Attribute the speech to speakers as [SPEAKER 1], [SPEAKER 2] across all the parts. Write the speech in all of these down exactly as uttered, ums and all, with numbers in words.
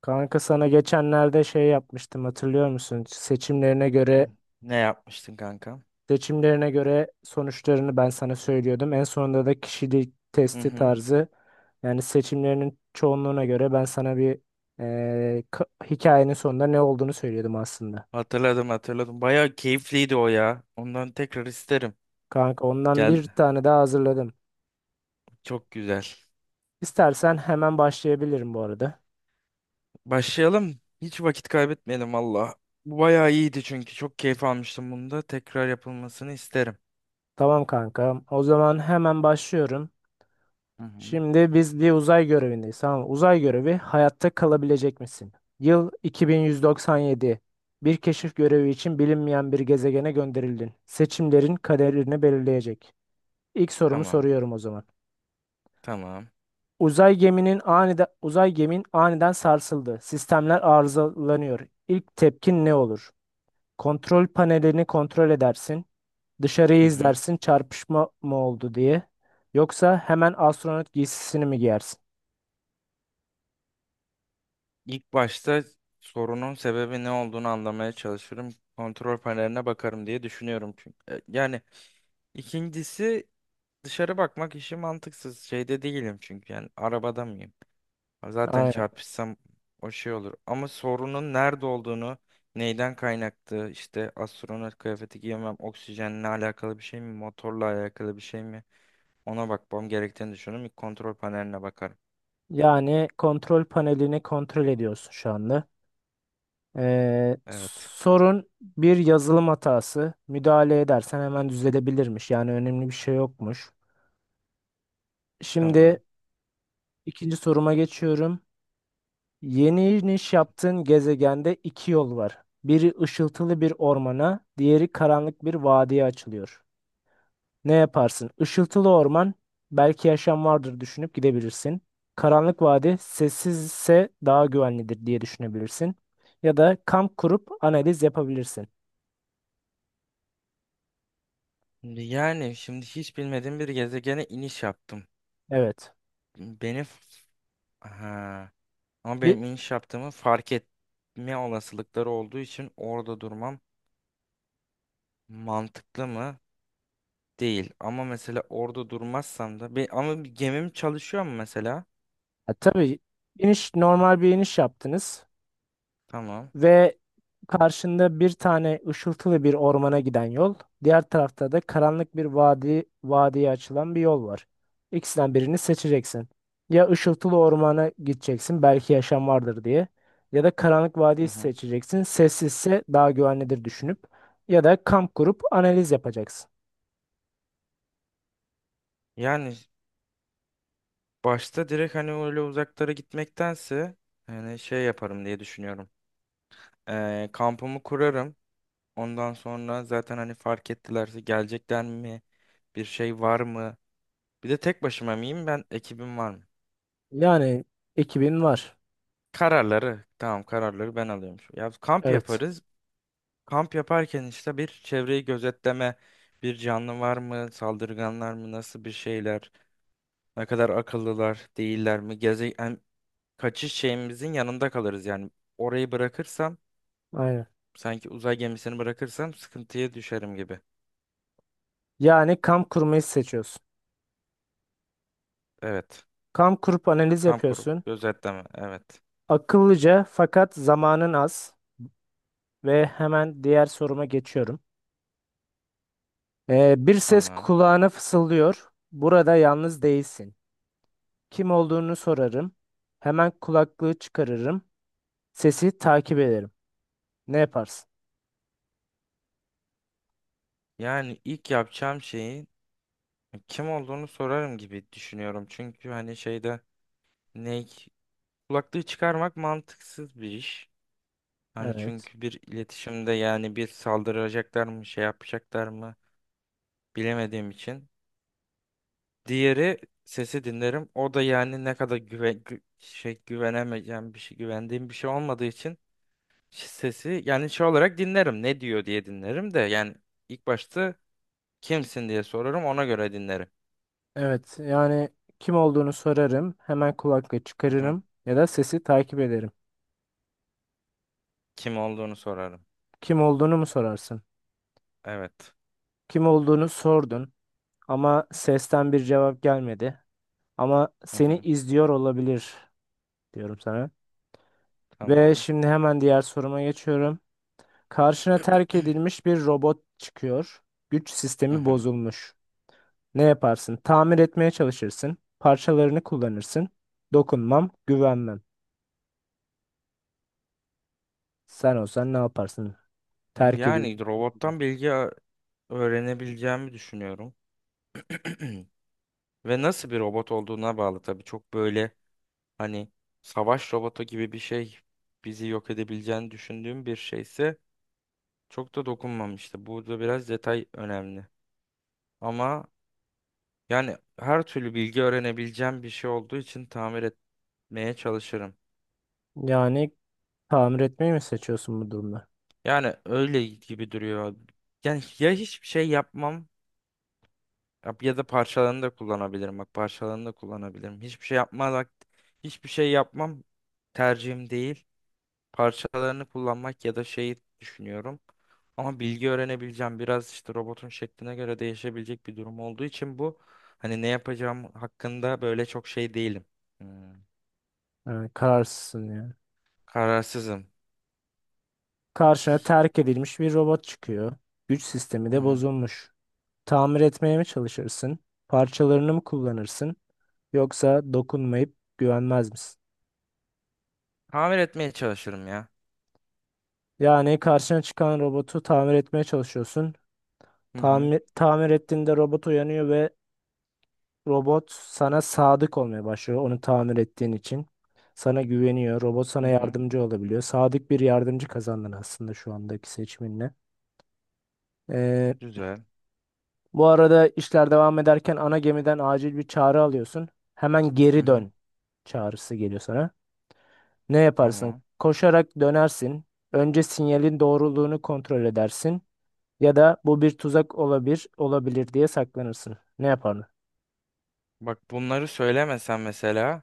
[SPEAKER 1] Kanka sana geçenlerde şey yapmıştım hatırlıyor musun? Seçimlerine göre
[SPEAKER 2] Hı. Ne yapmıştın kanka?
[SPEAKER 1] seçimlerine göre sonuçlarını ben sana söylüyordum. En sonunda da kişilik
[SPEAKER 2] Hı
[SPEAKER 1] testi
[SPEAKER 2] hı.
[SPEAKER 1] tarzı yani seçimlerinin çoğunluğuna göre ben sana bir eee, ka- hikayenin sonunda ne olduğunu söylüyordum aslında.
[SPEAKER 2] Hatırladım, hatırladım. Bayağı keyifliydi o ya. Ondan tekrar isterim.
[SPEAKER 1] Kanka ondan
[SPEAKER 2] Gel.
[SPEAKER 1] bir tane daha hazırladım.
[SPEAKER 2] Çok güzel.
[SPEAKER 1] İstersen hemen başlayabilirim bu arada.
[SPEAKER 2] Başlayalım. Hiç vakit kaybetmeyelim valla. Bu bayağı iyiydi, çünkü çok keyif almıştım bunda. Tekrar yapılmasını isterim.
[SPEAKER 1] Tamam kanka. O zaman hemen başlıyorum.
[SPEAKER 2] Hı hı.
[SPEAKER 1] Şimdi biz bir uzay görevindeyiz. Tamam mı? Uzay görevi, hayatta kalabilecek misin? Yıl iki bin yüz doksan yedi. Bir keşif görevi için bilinmeyen bir gezegene gönderildin. Seçimlerin kaderini belirleyecek. İlk sorumu
[SPEAKER 2] Tamam.
[SPEAKER 1] soruyorum o zaman.
[SPEAKER 2] Tamam.
[SPEAKER 1] Uzay geminin aniden uzay gemin aniden sarsıldı. Sistemler arızalanıyor. İlk tepkin ne olur? Kontrol panelini kontrol edersin. Dışarıyı
[SPEAKER 2] Hı hı.
[SPEAKER 1] izlersin, çarpışma mı oldu diye. Yoksa hemen astronot giysisini mi giyersin?
[SPEAKER 2] İlk başta sorunun sebebi ne olduğunu anlamaya çalışırım. Kontrol paneline bakarım diye düşünüyorum çünkü. E, Yani ikincisi dışarı bakmak işi mantıksız. Şeyde değilim çünkü, yani arabada mıyım? Zaten çarpışsam o şey olur. Ama sorunun nerede olduğunu, neyden kaynaklı, işte astronot kıyafeti giyemem, oksijenle alakalı bir şey mi, motorla alakalı bir şey mi? Ona bakmam gerektiğini düşünüyorum. İlk kontrol paneline bakarım.
[SPEAKER 1] Yani kontrol panelini kontrol ediyorsun şu anda. Ee,
[SPEAKER 2] Evet.
[SPEAKER 1] sorun bir yazılım hatası. Müdahale edersen hemen düzelebilirmiş. Yani önemli bir şey yokmuş. Şimdi
[SPEAKER 2] Tamam.
[SPEAKER 1] ikinci soruma geçiyorum. Yeni iniş yaptığın gezegende iki yol var. Biri ışıltılı bir ormana, diğeri karanlık bir vadiye açılıyor. Ne yaparsın? Işıltılı orman, belki yaşam vardır düşünüp gidebilirsin. Karanlık vadi, sessizse daha güvenlidir diye düşünebilirsin. Ya da kamp kurup analiz yapabilirsin.
[SPEAKER 2] Şimdi yani şimdi hiç bilmediğim bir gezegene iniş yaptım.
[SPEAKER 1] Evet.
[SPEAKER 2] Beni f- ha. Ama
[SPEAKER 1] Bir,
[SPEAKER 2] benim iniş yaptığımı fark etme olasılıkları olduğu için orada durmam mantıklı mı? Değil. Ama mesela orada durmazsam da bir, ama bir gemim çalışıyor mu mesela?
[SPEAKER 1] ha, tabii, iniş normal bir iniş yaptınız.
[SPEAKER 2] Tamam.
[SPEAKER 1] Ve karşında bir tane ışıltılı bir ormana giden yol. Diğer tarafta da karanlık bir vadi, vadiye açılan bir yol var. İkisinden birini seçeceksin. Ya ışıltılı ormana gideceksin, belki yaşam vardır diye. Ya da karanlık vadiyi
[SPEAKER 2] Hı hı.
[SPEAKER 1] seçeceksin, sessizse daha güvenlidir düşünüp. Ya da kamp kurup analiz yapacaksın.
[SPEAKER 2] Yani başta direkt hani öyle uzaklara gitmektense yani şey yaparım diye düşünüyorum. Ee, kampımı kurarım. Ondan sonra zaten hani fark ettilerse gelecekler mi? Bir şey var mı? Bir de tek başıma mıyım ben? Ekibim var mı?
[SPEAKER 1] Yani ekibin var.
[SPEAKER 2] Kararları. Tamam, kararları ben alıyorum. Ya kamp
[SPEAKER 1] Evet.
[SPEAKER 2] yaparız. Kamp yaparken işte bir çevreyi gözetleme, bir canlı var mı, saldırganlar mı, nasıl bir şeyler, ne kadar akıllılar, değiller mi, geze yani kaçış şeyimizin yanında kalırız yani. Orayı bırakırsam,
[SPEAKER 1] Aynen.
[SPEAKER 2] sanki uzay gemisini bırakırsam sıkıntıya düşerim gibi.
[SPEAKER 1] Yani kamp kurmayı seçiyorsun.
[SPEAKER 2] Evet.
[SPEAKER 1] Kamp kurup analiz
[SPEAKER 2] Kamp kurup
[SPEAKER 1] yapıyorsun.
[SPEAKER 2] gözetleme. Evet.
[SPEAKER 1] Akıllıca, fakat zamanın az. Ve hemen diğer soruma geçiyorum. Ee, bir ses
[SPEAKER 2] Tamam.
[SPEAKER 1] kulağına fısıldıyor. Burada yalnız değilsin. Kim olduğunu sorarım. Hemen kulaklığı çıkarırım. Sesi takip ederim. Ne yaparsın?
[SPEAKER 2] Yani ilk yapacağım şeyi kim olduğunu sorarım gibi düşünüyorum. Çünkü hani şeyde ne kulaklığı çıkarmak mantıksız bir iş. Hani
[SPEAKER 1] Evet.
[SPEAKER 2] çünkü bir iletişimde yani bir saldıracaklar mı, şey yapacaklar mı bilemediğim için. Diğeri sesi dinlerim. O da yani ne kadar güve, gü- şey güvenemeyeceğim bir şey, güvendiğim bir şey olmadığı için sesi yani şey olarak dinlerim. Ne diyor diye dinlerim de yani ilk başta kimsin diye sorarım, ona göre dinlerim.
[SPEAKER 1] Evet. Yani kim olduğunu sorarım. Hemen kulaklığı
[SPEAKER 2] Hı hı.
[SPEAKER 1] çıkarırım. Ya da sesi takip ederim.
[SPEAKER 2] Kim olduğunu sorarım.
[SPEAKER 1] Kim olduğunu mu sorarsın?
[SPEAKER 2] Evet.
[SPEAKER 1] Kim olduğunu sordun. Ama sesten bir cevap gelmedi. Ama
[SPEAKER 2] Hı
[SPEAKER 1] seni
[SPEAKER 2] hı.
[SPEAKER 1] izliyor olabilir diyorum sana. Ve
[SPEAKER 2] Tamam.
[SPEAKER 1] şimdi hemen diğer soruma geçiyorum. Karşına terk edilmiş bir robot çıkıyor. Güç
[SPEAKER 2] Hı
[SPEAKER 1] sistemi
[SPEAKER 2] hı.
[SPEAKER 1] bozulmuş. Ne yaparsın? Tamir etmeye çalışırsın. Parçalarını kullanırsın. Dokunmam, güvenmem. Sen olsan ne yaparsın? Terk edeyim.
[SPEAKER 2] Yani robottan bilgi a- öğrenebileceğimi düşünüyorum. Ve nasıl bir robot olduğuna bağlı tabii. Çok böyle hani savaş robotu gibi bir şey, bizi yok edebileceğini düşündüğüm bir şeyse çok da dokunmamıştı. Burada biraz detay önemli. Ama yani her türlü bilgi öğrenebileceğim bir şey olduğu için tamir etmeye çalışırım.
[SPEAKER 1] Yani tamir etmeyi mi seçiyorsun bu durumda?
[SPEAKER 2] Yani öyle gibi duruyor. Yani ya hiçbir şey yapmam, yap- ya da parçalarını da kullanabilirim. Bak, parçalarını da kullanabilirim. Hiçbir şey yapmamak, hiçbir şey yapmam tercihim değil. Parçalarını kullanmak ya da şeyi düşünüyorum. Ama bilgi öğrenebileceğim, biraz işte robotun şekline göre değişebilecek bir durum olduğu için bu, hani ne yapacağım hakkında böyle çok şey değilim. Hmm,
[SPEAKER 1] Yani kararsızsın yani.
[SPEAKER 2] Kararsızım.
[SPEAKER 1] Karşına
[SPEAKER 2] Hiç-
[SPEAKER 1] terk edilmiş bir robot çıkıyor. Güç sistemi
[SPEAKER 2] Hı
[SPEAKER 1] de
[SPEAKER 2] hı.
[SPEAKER 1] bozulmuş. Tamir etmeye mi çalışırsın? Parçalarını mı kullanırsın? Yoksa dokunmayıp güvenmez misin?
[SPEAKER 2] Tamir etmeye çalışırım ya.
[SPEAKER 1] Yani karşına çıkan robotu tamir etmeye çalışıyorsun.
[SPEAKER 2] Hı hı.
[SPEAKER 1] Tamir, tamir ettiğinde robot uyanıyor ve robot sana sadık olmaya başlıyor, onu tamir ettiğin için. Sana güveniyor. Robot sana
[SPEAKER 2] Hı hı.
[SPEAKER 1] yardımcı olabiliyor. Sadık bir yardımcı kazandın aslında şu andaki seçiminle. Ee,
[SPEAKER 2] Güzel.
[SPEAKER 1] bu arada işler devam ederken ana gemiden acil bir çağrı alıyorsun. Hemen
[SPEAKER 2] Hı
[SPEAKER 1] geri
[SPEAKER 2] hı.
[SPEAKER 1] dön çağrısı geliyor sana. Ne yaparsın?
[SPEAKER 2] Tamam.
[SPEAKER 1] Koşarak dönersin. Önce sinyalin doğruluğunu kontrol edersin. Ya da bu bir tuzak olabilir, olabilir diye saklanırsın. Ne yapardın?
[SPEAKER 2] Bak, bunları söylemesen mesela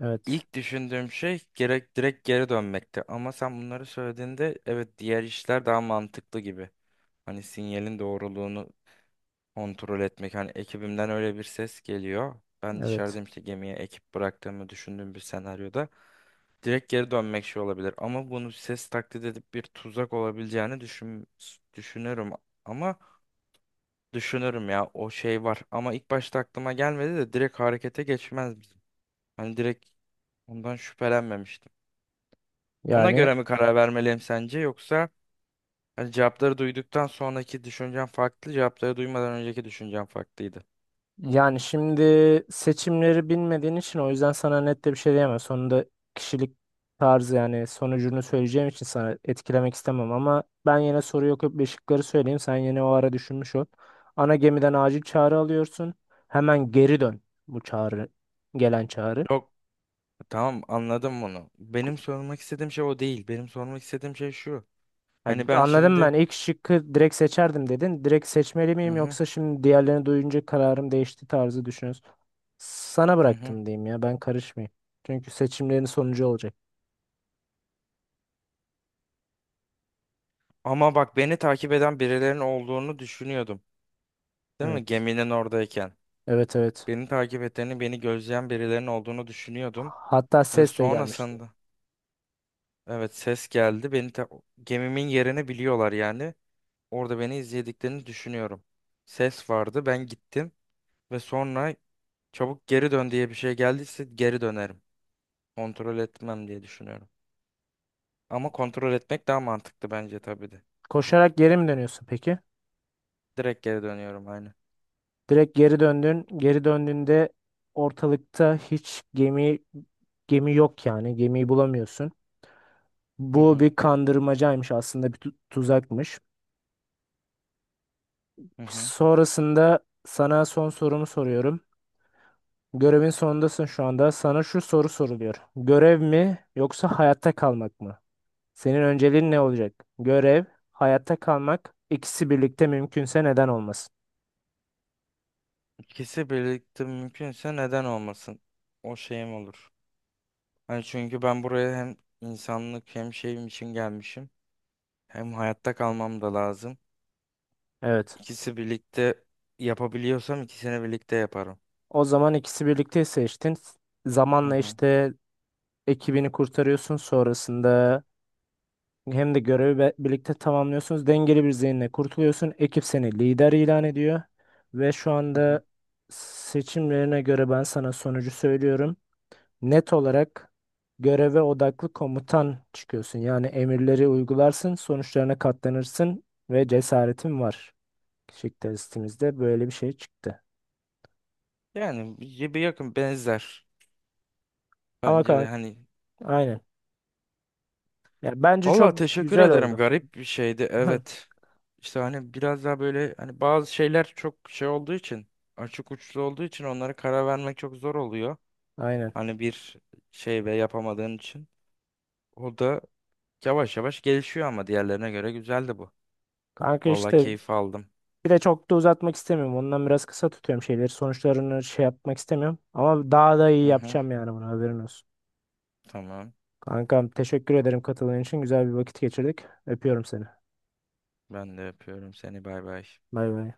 [SPEAKER 1] Evet.
[SPEAKER 2] ilk düşündüğüm şey gerek direkt geri dönmekti. Ama sen bunları söylediğinde evet, diğer işler daha mantıklı gibi. Hani sinyalin doğruluğunu kontrol etmek. Hani ekibimden öyle bir ses geliyor. Ben
[SPEAKER 1] Evet.
[SPEAKER 2] dışarıdayım, işte gemiye ekip bıraktığımı düşündüğüm bir senaryoda. Direkt geri dönmek şey olabilir. Ama bunu ses taklit edip bir tuzak olabileceğini düşün, düşünürüm. Ama düşünürüm ya, o şey var. Ama ilk başta aklıma gelmedi de direkt harekete geçmez bizim. Hani direkt ondan şüphelenmemiştim. Ona
[SPEAKER 1] Yani
[SPEAKER 2] göre mi karar vermeliyim sence, yoksa hani cevapları duyduktan sonraki düşüncem farklı, cevapları duymadan önceki düşüncem farklıydı.
[SPEAKER 1] yani şimdi seçimleri bilmediğin için o yüzden sana net de bir şey diyemem. Sonunda kişilik tarzı yani sonucunu söyleyeceğim için sana etkilemek istemem, ama ben yine soru yok bir şıkları söyleyeyim. Sen yine o ara düşünmüş ol. Ana gemiden acil çağrı alıyorsun. Hemen geri dön bu çağrı, gelen çağrı.
[SPEAKER 2] Yok, tamam, anladım bunu. Benim sormak istediğim şey o değil. Benim sormak istediğim şey şu.
[SPEAKER 1] Ha,
[SPEAKER 2] Hani ben
[SPEAKER 1] anladım
[SPEAKER 2] şimdi
[SPEAKER 1] ben. İlk şıkkı direkt seçerdim dedin. Direkt seçmeli
[SPEAKER 2] hı
[SPEAKER 1] miyim,
[SPEAKER 2] hı,
[SPEAKER 1] yoksa şimdi diğerlerini duyunca kararım değişti tarzı düşünüyorsun. Sana
[SPEAKER 2] hı hı.
[SPEAKER 1] bıraktım diyeyim ya. Ben karışmayayım. Çünkü seçimlerin sonucu olacak.
[SPEAKER 2] Ama bak, beni takip eden birilerinin olduğunu düşünüyordum. Değil mi?
[SPEAKER 1] Evet.
[SPEAKER 2] Geminin oradayken.
[SPEAKER 1] Evet, evet.
[SPEAKER 2] Beni takip ettiğini, beni gözleyen birilerinin olduğunu düşünüyordum.
[SPEAKER 1] Hatta
[SPEAKER 2] Ve
[SPEAKER 1] ses de gelmişti.
[SPEAKER 2] sonrasında evet, ses geldi. Beni ta- gemimin yerini biliyorlar yani. Orada beni izlediklerini düşünüyorum. Ses vardı. Ben gittim ve sonra çabuk geri dön diye bir şey geldiyse geri dönerim. Kontrol etmem diye düşünüyorum. Ama kontrol etmek daha mantıklı bence tabii de.
[SPEAKER 1] Koşarak geri mi dönüyorsun peki?
[SPEAKER 2] Direkt geri dönüyorum aynı.
[SPEAKER 1] Direkt geri döndün. Geri döndüğünde ortalıkta hiç gemi gemi yok yani. Gemiyi bulamıyorsun.
[SPEAKER 2] Hı
[SPEAKER 1] Bu
[SPEAKER 2] hı,
[SPEAKER 1] bir kandırmacaymış aslında, bir tu- tuzakmış.
[SPEAKER 2] hı hı.
[SPEAKER 1] Sonrasında sana son sorumu soruyorum. Görevin sonundasın şu anda. Sana şu soru soruluyor. Görev mi, yoksa hayatta kalmak mı? Senin önceliğin ne olacak? Görev, hayatta kalmak, ikisi birlikte mümkünse neden olmasın?
[SPEAKER 2] İkisi birlikte mümkünse neden olmasın? O şeyim olur. Hani çünkü ben buraya hem insanlık hem şeyim için gelmişim. Hem hayatta kalmam da lazım.
[SPEAKER 1] Evet.
[SPEAKER 2] İkisi birlikte yapabiliyorsam ikisini birlikte yaparım.
[SPEAKER 1] O zaman ikisi birlikte seçtin.
[SPEAKER 2] Hı
[SPEAKER 1] Zamanla
[SPEAKER 2] hı,
[SPEAKER 1] işte ekibini kurtarıyorsun. Sonrasında hem de görevi be- birlikte tamamlıyorsunuz. Dengeli bir zihinle kurtuluyorsun. Ekip seni lider ilan ediyor. Ve şu
[SPEAKER 2] hı hı.
[SPEAKER 1] anda seçimlerine göre ben sana sonucu söylüyorum. Net olarak göreve odaklı komutan çıkıyorsun. Yani emirleri uygularsın, sonuçlarına katlanırsın ve cesaretin var. Kişilik testimizde böyle bir şey çıktı.
[SPEAKER 2] Yani bir bir yakın benzer.
[SPEAKER 1] Ama
[SPEAKER 2] Bence de
[SPEAKER 1] kanka,
[SPEAKER 2] hani
[SPEAKER 1] aynen. Ya bence
[SPEAKER 2] valla
[SPEAKER 1] çok
[SPEAKER 2] teşekkür
[SPEAKER 1] güzel
[SPEAKER 2] ederim.
[SPEAKER 1] oldu.
[SPEAKER 2] Garip bir şeydi. Evet. İşte hani biraz daha böyle, hani bazı şeyler çok şey olduğu için, açık uçlu olduğu için onlara karar vermek çok zor oluyor.
[SPEAKER 1] Aynen.
[SPEAKER 2] Hani bir şey ve yapamadığın için. O da yavaş yavaş gelişiyor ama diğerlerine göre güzeldi bu.
[SPEAKER 1] Kanka
[SPEAKER 2] Valla
[SPEAKER 1] işte
[SPEAKER 2] keyif aldım.
[SPEAKER 1] bir de çok da uzatmak istemiyorum. Ondan biraz kısa tutuyorum şeyleri. Sonuçlarını şey yapmak istemiyorum. Ama daha da iyi
[SPEAKER 2] Hı hı.
[SPEAKER 1] yapacağım yani, bunu haberin olsun.
[SPEAKER 2] Tamam.
[SPEAKER 1] Kankam teşekkür ederim katıldığın için. Güzel bir vakit geçirdik. Öpüyorum seni.
[SPEAKER 2] Ben de yapıyorum seni. Bay bay.
[SPEAKER 1] Bay bay.